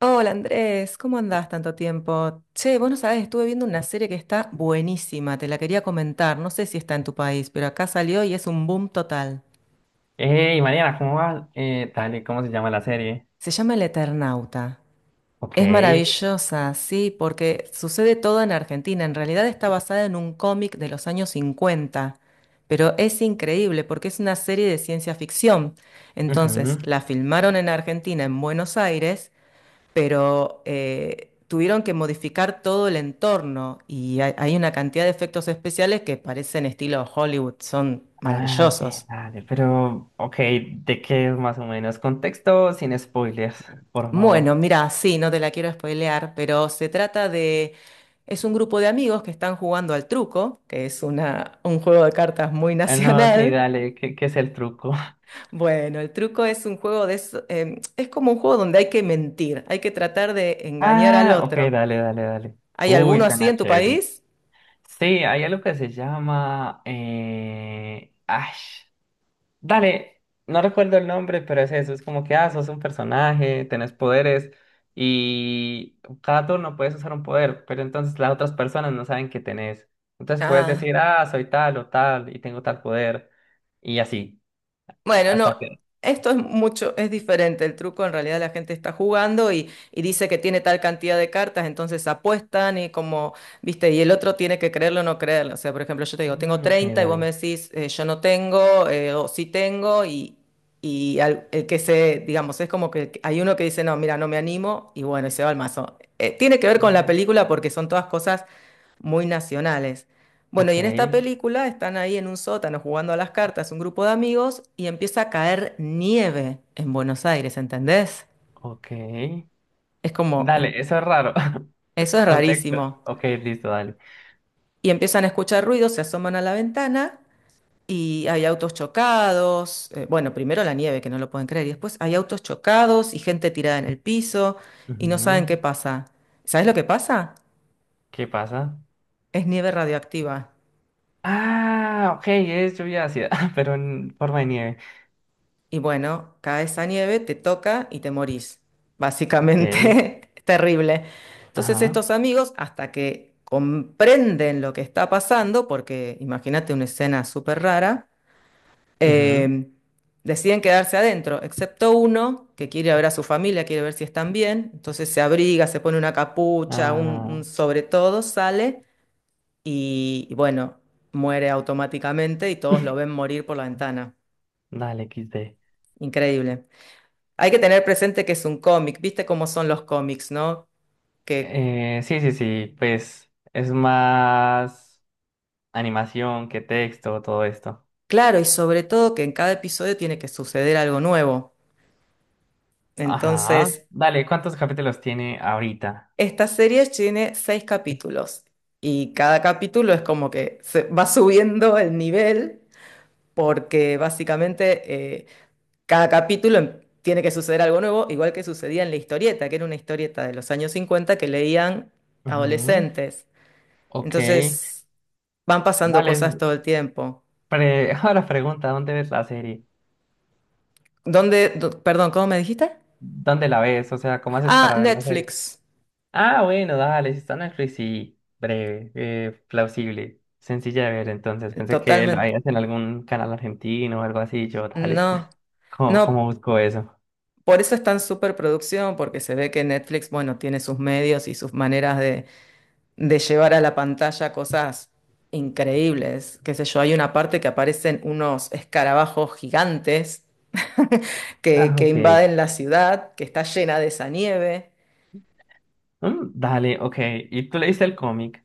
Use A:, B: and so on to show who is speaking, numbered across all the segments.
A: Hola Andrés, ¿cómo andás tanto tiempo? Che, vos no sabés, estuve viendo una serie que está buenísima, te la quería comentar, no sé si está en tu país, pero acá salió y es un boom total.
B: Hey, Mariana, ¿cómo vas? Dale, ¿cómo se llama la serie?
A: Se llama El Eternauta.
B: Ok.
A: Es maravillosa, sí, porque sucede todo en Argentina, en realidad está basada en un cómic de los años 50, pero es increíble porque es una serie de ciencia ficción. Entonces,
B: Ujú.
A: la filmaron en Argentina, en Buenos Aires, pero tuvieron que modificar todo el entorno y hay una cantidad de efectos especiales que parecen estilo Hollywood, son
B: Ok,
A: maravillosos.
B: dale, pero ¿de qué es más o menos? Contexto sin spoilers, por
A: Bueno,
B: favor.
A: mira, sí, no te la quiero spoilear, pero se trata de... Es un grupo de amigos que están jugando al truco, que es un juego de cartas muy
B: No, sí,
A: nacional.
B: dale, ¿qué es el truco?
A: Bueno, el truco es un juego de... es como un juego donde hay que mentir, hay que tratar de engañar al
B: Ah, ok,
A: otro.
B: dale, dale, dale.
A: ¿Hay
B: Uy,
A: alguno así
B: suena
A: en tu
B: chévere.
A: país?
B: Sí, hay algo que se llama... Ash. Dale, no recuerdo el nombre, pero es eso, es como que, ah, sos un personaje, tenés poderes y cada turno puedes usar un poder, pero entonces las otras personas no saben que tenés. Entonces puedes
A: Ah.
B: decir, ah, soy tal o tal y tengo tal poder y así,
A: Bueno,
B: hasta
A: no,
B: que...
A: esto es mucho, es diferente. El truco en realidad la gente está jugando y dice que tiene tal cantidad de cartas, entonces apuestan y como, viste, y el otro tiene que creerlo o no creerlo. O sea, por ejemplo, yo te digo, tengo
B: Mm, ok,
A: 30 y vos
B: dale.
A: me decís, yo no tengo, o sí tengo, el que se, digamos, es como que hay uno que dice, no, mira, no me animo, y bueno, y se va al mazo. Tiene que ver con la
B: Mm,
A: película porque son todas cosas muy nacionales. Bueno,
B: ok,
A: y en esta película están ahí en un sótano jugando a las cartas un grupo de amigos y empieza a caer nieve en Buenos Aires, ¿entendés?
B: ok.
A: Es como,
B: Dale,
A: in-
B: eso es raro.
A: Eso es
B: Contexto.
A: rarísimo.
B: Ok, listo, dale.
A: Y empiezan a escuchar ruidos, se asoman a la ventana y hay autos chocados. Bueno, primero la nieve, que no lo pueden creer, y después hay autos chocados y gente tirada en el piso y no saben
B: Ujú.
A: qué pasa. ¿Sabés lo que pasa?
B: ¿Qué pasa?
A: Es nieve radioactiva.
B: Ah, ok, es lluvia ácida, pero en forma de nieve.
A: Y bueno, cae esa nieve, te toca y te morís.
B: Ok.
A: Básicamente, es terrible. Entonces
B: Ajá.
A: estos amigos, hasta que comprenden lo que está pasando, porque imagínate una escena súper rara,
B: Ujú,
A: eh, deciden quedarse adentro, excepto uno que quiere ver a su familia, quiere ver si están bien. Entonces se abriga, se pone una capucha,
B: ah,
A: un sobre todo, sale y bueno, muere automáticamente y todos lo ven morir por la ventana.
B: dale, XD.
A: Increíble. Hay que tener presente que es un cómic, viste cómo son los cómics, ¿no? Que,
B: Sí, sí, sí, pues es más animación que texto, todo esto.
A: claro, y sobre todo que en cada episodio tiene que suceder algo nuevo.
B: Ajá.
A: Entonces,
B: Dale, ¿cuántos capítulos tiene ahorita?
A: esta serie tiene 6 capítulos y cada capítulo es como que se va subiendo el nivel porque básicamente cada capítulo tiene que suceder algo nuevo, igual que sucedía en la historieta, que era una historieta de los años 50 que leían
B: Ujú.
A: adolescentes.
B: Ok.
A: Entonces, van pasando cosas
B: Dale,
A: todo el tiempo.
B: ahora pregunta, ¿dónde ves la serie?
A: ¿Dónde? Perdón, ¿cómo me dijiste?
B: ¿Dónde la ves? O sea, ¿cómo haces
A: Ah,
B: para ver la serie?
A: Netflix.
B: Ah, bueno, dale, si está Netflix, sí, breve, plausible, sencilla de ver, entonces pensé que lo
A: Totalmente.
B: harías en algún canal argentino o algo así, yo, dale.
A: No,
B: ¿Cómo
A: no,
B: busco eso?
A: por eso es tan superproducción, porque se ve que Netflix, bueno, tiene sus medios y sus maneras de llevar a la pantalla cosas increíbles. Qué sé yo, hay una parte que aparecen unos escarabajos gigantes
B: Ah,
A: que
B: ok.
A: invaden la ciudad, que está llena de esa nieve.
B: Mm, dale, ok, ¿y tú leíste el cómic?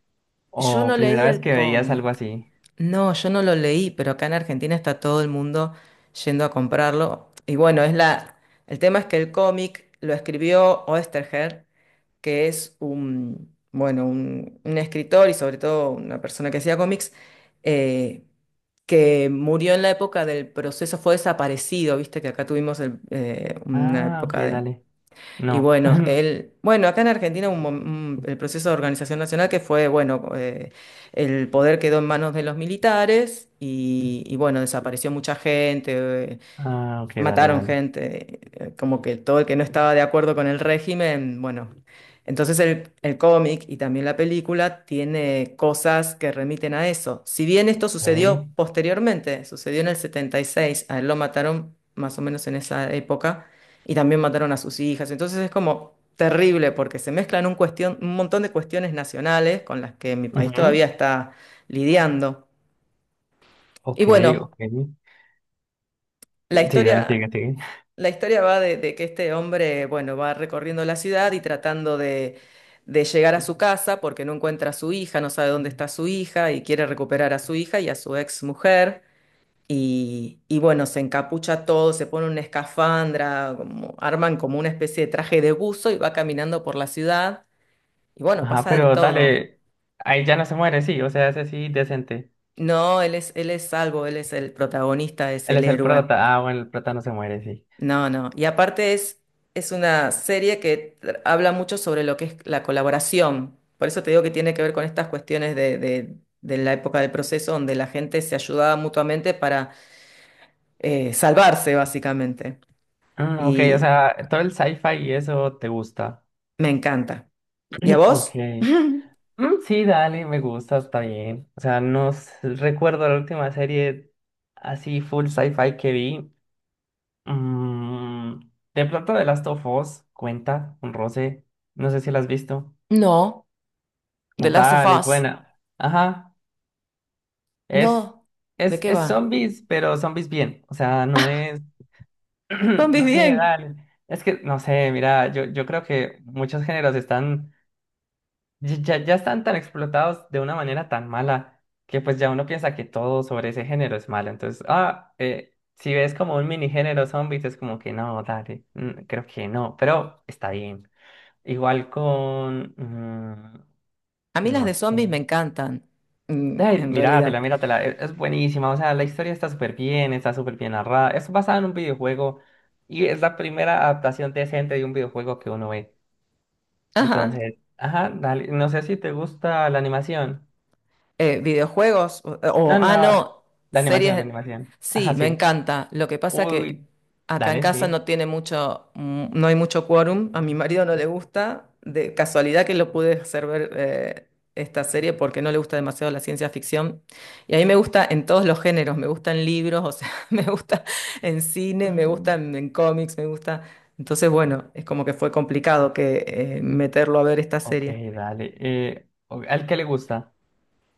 A: Yo
B: ¿O
A: no leí
B: primera vez
A: el
B: que veías algo
A: cómic.
B: así?
A: No, yo no lo leí, pero acá en Argentina está todo el mundo yendo a comprarlo. Y bueno, el tema es que el cómic lo escribió Oesterheld, que es un, bueno, un escritor y sobre todo una persona que hacía cómics, eh, que murió en la época del proceso, fue desaparecido, viste que acá tuvimos una
B: Ah, ok,
A: época de
B: dale,
A: y
B: no.
A: bueno, bueno, acá en Argentina hubo el proceso de organización nacional que fue, bueno, el poder quedó en manos de los militares y, bueno, desapareció mucha gente, eh,
B: Ah, ok, dale,
A: mataron
B: dale,
A: gente, como que todo el que no estaba de acuerdo con el régimen, bueno. Entonces el cómic y también la película tiene cosas que remiten a eso. Si bien esto
B: ok,
A: sucedió posteriormente, sucedió en el 76, a él lo mataron más o menos en esa época y también mataron a sus hijas. Entonces es como terrible porque se mezclan un cuestión, un montón de cuestiones nacionales con las que mi país todavía
B: ujú,
A: está lidiando. Y
B: ok,
A: bueno,
B: ok,
A: la
B: sí, dale, sigue,
A: historia...
B: sigue,
A: La historia va de que este hombre, bueno, va recorriendo la ciudad y tratando de llegar a su casa porque no encuentra a su hija, no sabe dónde está su hija y quiere recuperar a su hija y a su ex mujer. Y bueno, se encapucha todo, se pone una escafandra, como, arman como una especie de traje de buzo y va caminando por la ciudad. Y bueno,
B: ajá,
A: pasa de
B: pero
A: todo.
B: dale, ahí ya no se muere, sí, o sea, ese sí, decente.
A: No, él es salvo, él es el protagonista, es
B: Él
A: el
B: es el
A: héroe.
B: prota. Ah, bueno, el prota no se muere, sí.
A: No, no. Y aparte es una serie que habla mucho sobre lo que es la colaboración. Por eso te digo que tiene que ver con estas cuestiones de la época del proceso, donde la gente se ayudaba mutuamente para salvarse, básicamente.
B: Mm, ok, o
A: Y
B: sea, todo el sci-fi y eso te gusta.
A: me encanta. ¿Y a
B: Mm, ok.
A: vos?
B: Mm, sí, dale, me gusta, está bien. O sea, no s- recuerdo la última serie así full sci-fi que vi. Mm, de pronto The Last of Us cuenta, un roce. No sé si la has visto.
A: No, The Last of
B: Dale, es
A: Us.
B: buena. Ajá, es,
A: No, ¿de qué
B: es
A: va?
B: zombies, pero zombies bien. O sea, no es.
A: Zombies
B: No sé,
A: bien.
B: dale. Es que, no sé, mira, yo creo que muchos géneros están, ya están tan explotados de una manera tan mala que pues ya uno piensa que todo sobre ese género es malo. Entonces, ah, si ves como un mini género zombies, es como que no, dale, mm, creo que no, pero está bien. Igual con, mm,
A: A mí las
B: no
A: de zombies me
B: sé.
A: encantan, mm,
B: Ay,
A: en
B: míratela,
A: realidad.
B: míratela, es buenísima, o sea, la historia está súper bien narrada, es basada en un videojuego y es la primera adaptación decente de un videojuego que uno ve.
A: Ajá.
B: Entonces, ajá, dale, no sé si te gusta la animación.
A: Videojuegos
B: No, no,
A: no,
B: la
A: series.
B: animación.
A: Sí,
B: Ajá,
A: me
B: sí.
A: encanta. Lo que pasa que
B: Uy,
A: acá en
B: dale,
A: casa
B: sí.
A: no tiene mucho, mm, no hay mucho quórum. A mi marido no le gusta. De casualidad que lo pude hacer ver esta serie porque no le gusta demasiado la ciencia ficción. Y a mí me gusta en todos los géneros. Me gustan libros, o sea, me gusta en cine, me
B: Mm,
A: gustan en cómics, me gusta. Entonces, bueno, es como que fue complicado que
B: mm,
A: meterlo a ver esta
B: ok,
A: serie.
B: dale. ¿Al que le gusta?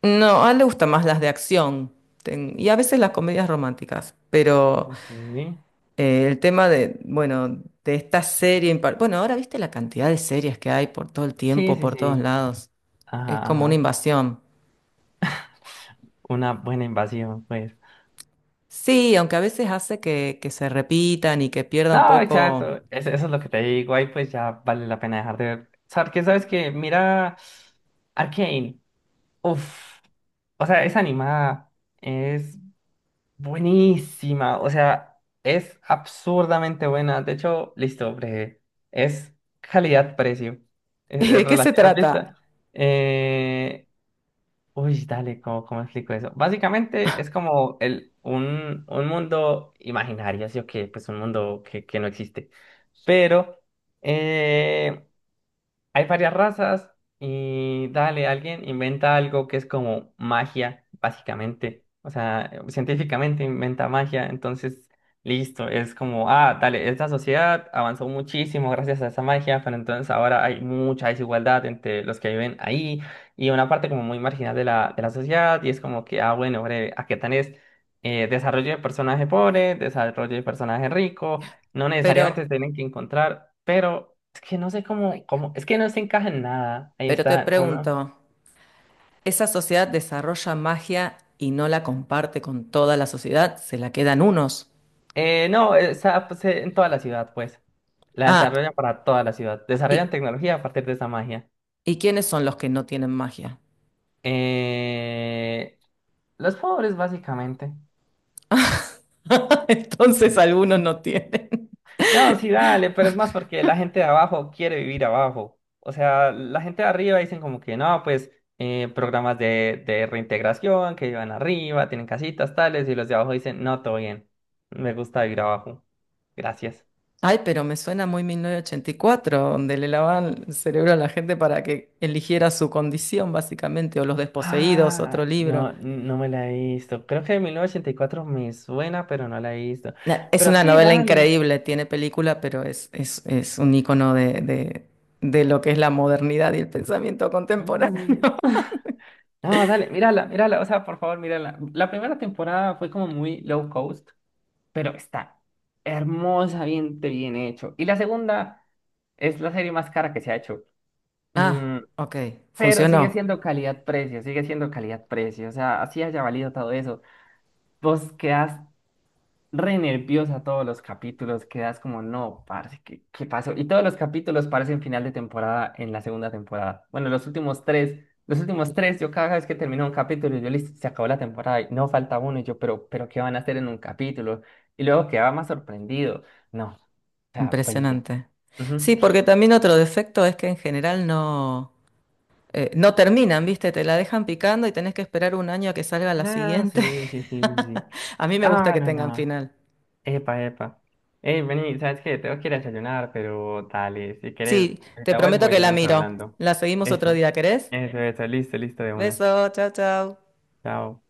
A: No, a él le gustan más las de acción y a veces las comedias románticas, pero
B: Ok. Sí,
A: el tema de, bueno, de esta serie, bueno, ahora viste la cantidad de series que hay por todo el
B: sí,
A: tiempo, por todos
B: sí.
A: lados, es
B: Ajá,
A: como una
B: ajá.
A: invasión.
B: Una buena invasión, pues.
A: Sí, aunque a veces hace que se repitan y que pierda un
B: No,
A: poco
B: exacto. Eso es lo que te digo. Ahí pues ya vale la pena dejar de ver. ¿Sabes qué? ¿Sabes qué? Mira Arcane. Uf. O sea, es animada. Es buenísima. O sea, es absurdamente buena. De hecho, listo, breve. Es calidad-precio.
A: de qué se
B: ¿Has visto?
A: trata,
B: Eh, uy, dale, ¿cómo explico eso? Básicamente es como un mundo imaginario, así o que, pues un mundo que no existe. Pero, eh, hay varias razas y dale, alguien inventa algo que es como magia, básicamente. O sea, científicamente inventa magia, entonces listo, es como, ah, dale, esta sociedad avanzó muchísimo gracias a esa magia, pero entonces ahora hay mucha desigualdad entre los que viven ahí y una parte como muy marginal de la sociedad y es como que, ah, bueno, breve, a aquí tenés desarrollo de personaje pobre, desarrollo de personaje rico, no necesariamente
A: pero,
B: se tienen que encontrar, pero es que no sé cómo, ay, cómo, es que no se encaja en nada. Ahí
A: pero te
B: está, uno.
A: pregunto, ¿esa sociedad desarrolla magia y no la comparte con toda la sociedad? ¿Se la quedan unos?
B: No, está pues, en toda la ciudad, pues. La
A: Ah.
B: desarrollan para toda la ciudad.
A: Y
B: Desarrollan tecnología a partir de esa magia.
A: ¿Y quiénes son los que no tienen magia?
B: Eh, los pobres, básicamente.
A: Entonces algunos no tienen.
B: No, sí, dale, pero es más porque la gente de abajo quiere vivir abajo. O sea, la gente de arriba dicen como que no, pues programas de reintegración que vivan arriba, tienen casitas tales, y los de abajo dicen, no, todo bien. Me gusta vivir abajo. Gracias.
A: Ay, pero me suena muy 1984, donde le lavaban el cerebro a la gente para que eligiera su condición, básicamente, o Los Desposeídos,
B: Ah,
A: otro libro.
B: no, no me la he visto. Creo que de 1984 me suena, pero no la he visto.
A: Es
B: Pero
A: una
B: sí,
A: novela
B: dale.
A: increíble, tiene película, pero es un icono de lo que es la modernidad y el pensamiento contemporáneo.
B: Mm, no, dale, mírala, mírala. O sea, por favor, mírala. La primera temporada fue como muy low cost, pero está hermosa, bien, bien hecho. Y la segunda es la serie más cara que se ha hecho.
A: Ah,
B: Mm,
A: ok,
B: pero sigue
A: funcionó.
B: siendo calidad-precio, sigue siendo calidad-precio. O sea, así haya valido todo eso. Vos quedás re nerviosa todos los capítulos, quedas como, no, parce, ¿qué pasó? Y todos los capítulos parecen final de temporada en la segunda temporada. Bueno, los últimos tres, yo cada vez que termino un capítulo, yo listo, se acabó la temporada y no falta uno, y yo, pero, ¿qué, van a hacer en un capítulo? Y luego quedaba más sorprendido. No, o sea, buenísimo.
A: Impresionante. Sí,
B: Ujú.
A: porque también otro defecto es que en general no... no terminan, ¿viste? Te la dejan picando y tenés que esperar 1 año a que salga la
B: Ah,
A: siguiente.
B: sí, sí, sí, sí. Sí.
A: A mí me gusta
B: Ah,
A: que
B: no,
A: tengan
B: no.
A: final.
B: Epa, epa. Hey, vení, ¿sabes qué? Tengo que ir a desayunar, pero dale, si quieres,
A: Sí, te
B: ahorita
A: prometo
B: vuelvo y
A: que la
B: seguimos
A: miro.
B: hablando.
A: La seguimos otro
B: Eso,
A: día, ¿querés?
B: eso, listo, listo de una.
A: Beso, chao, chao.
B: Chao.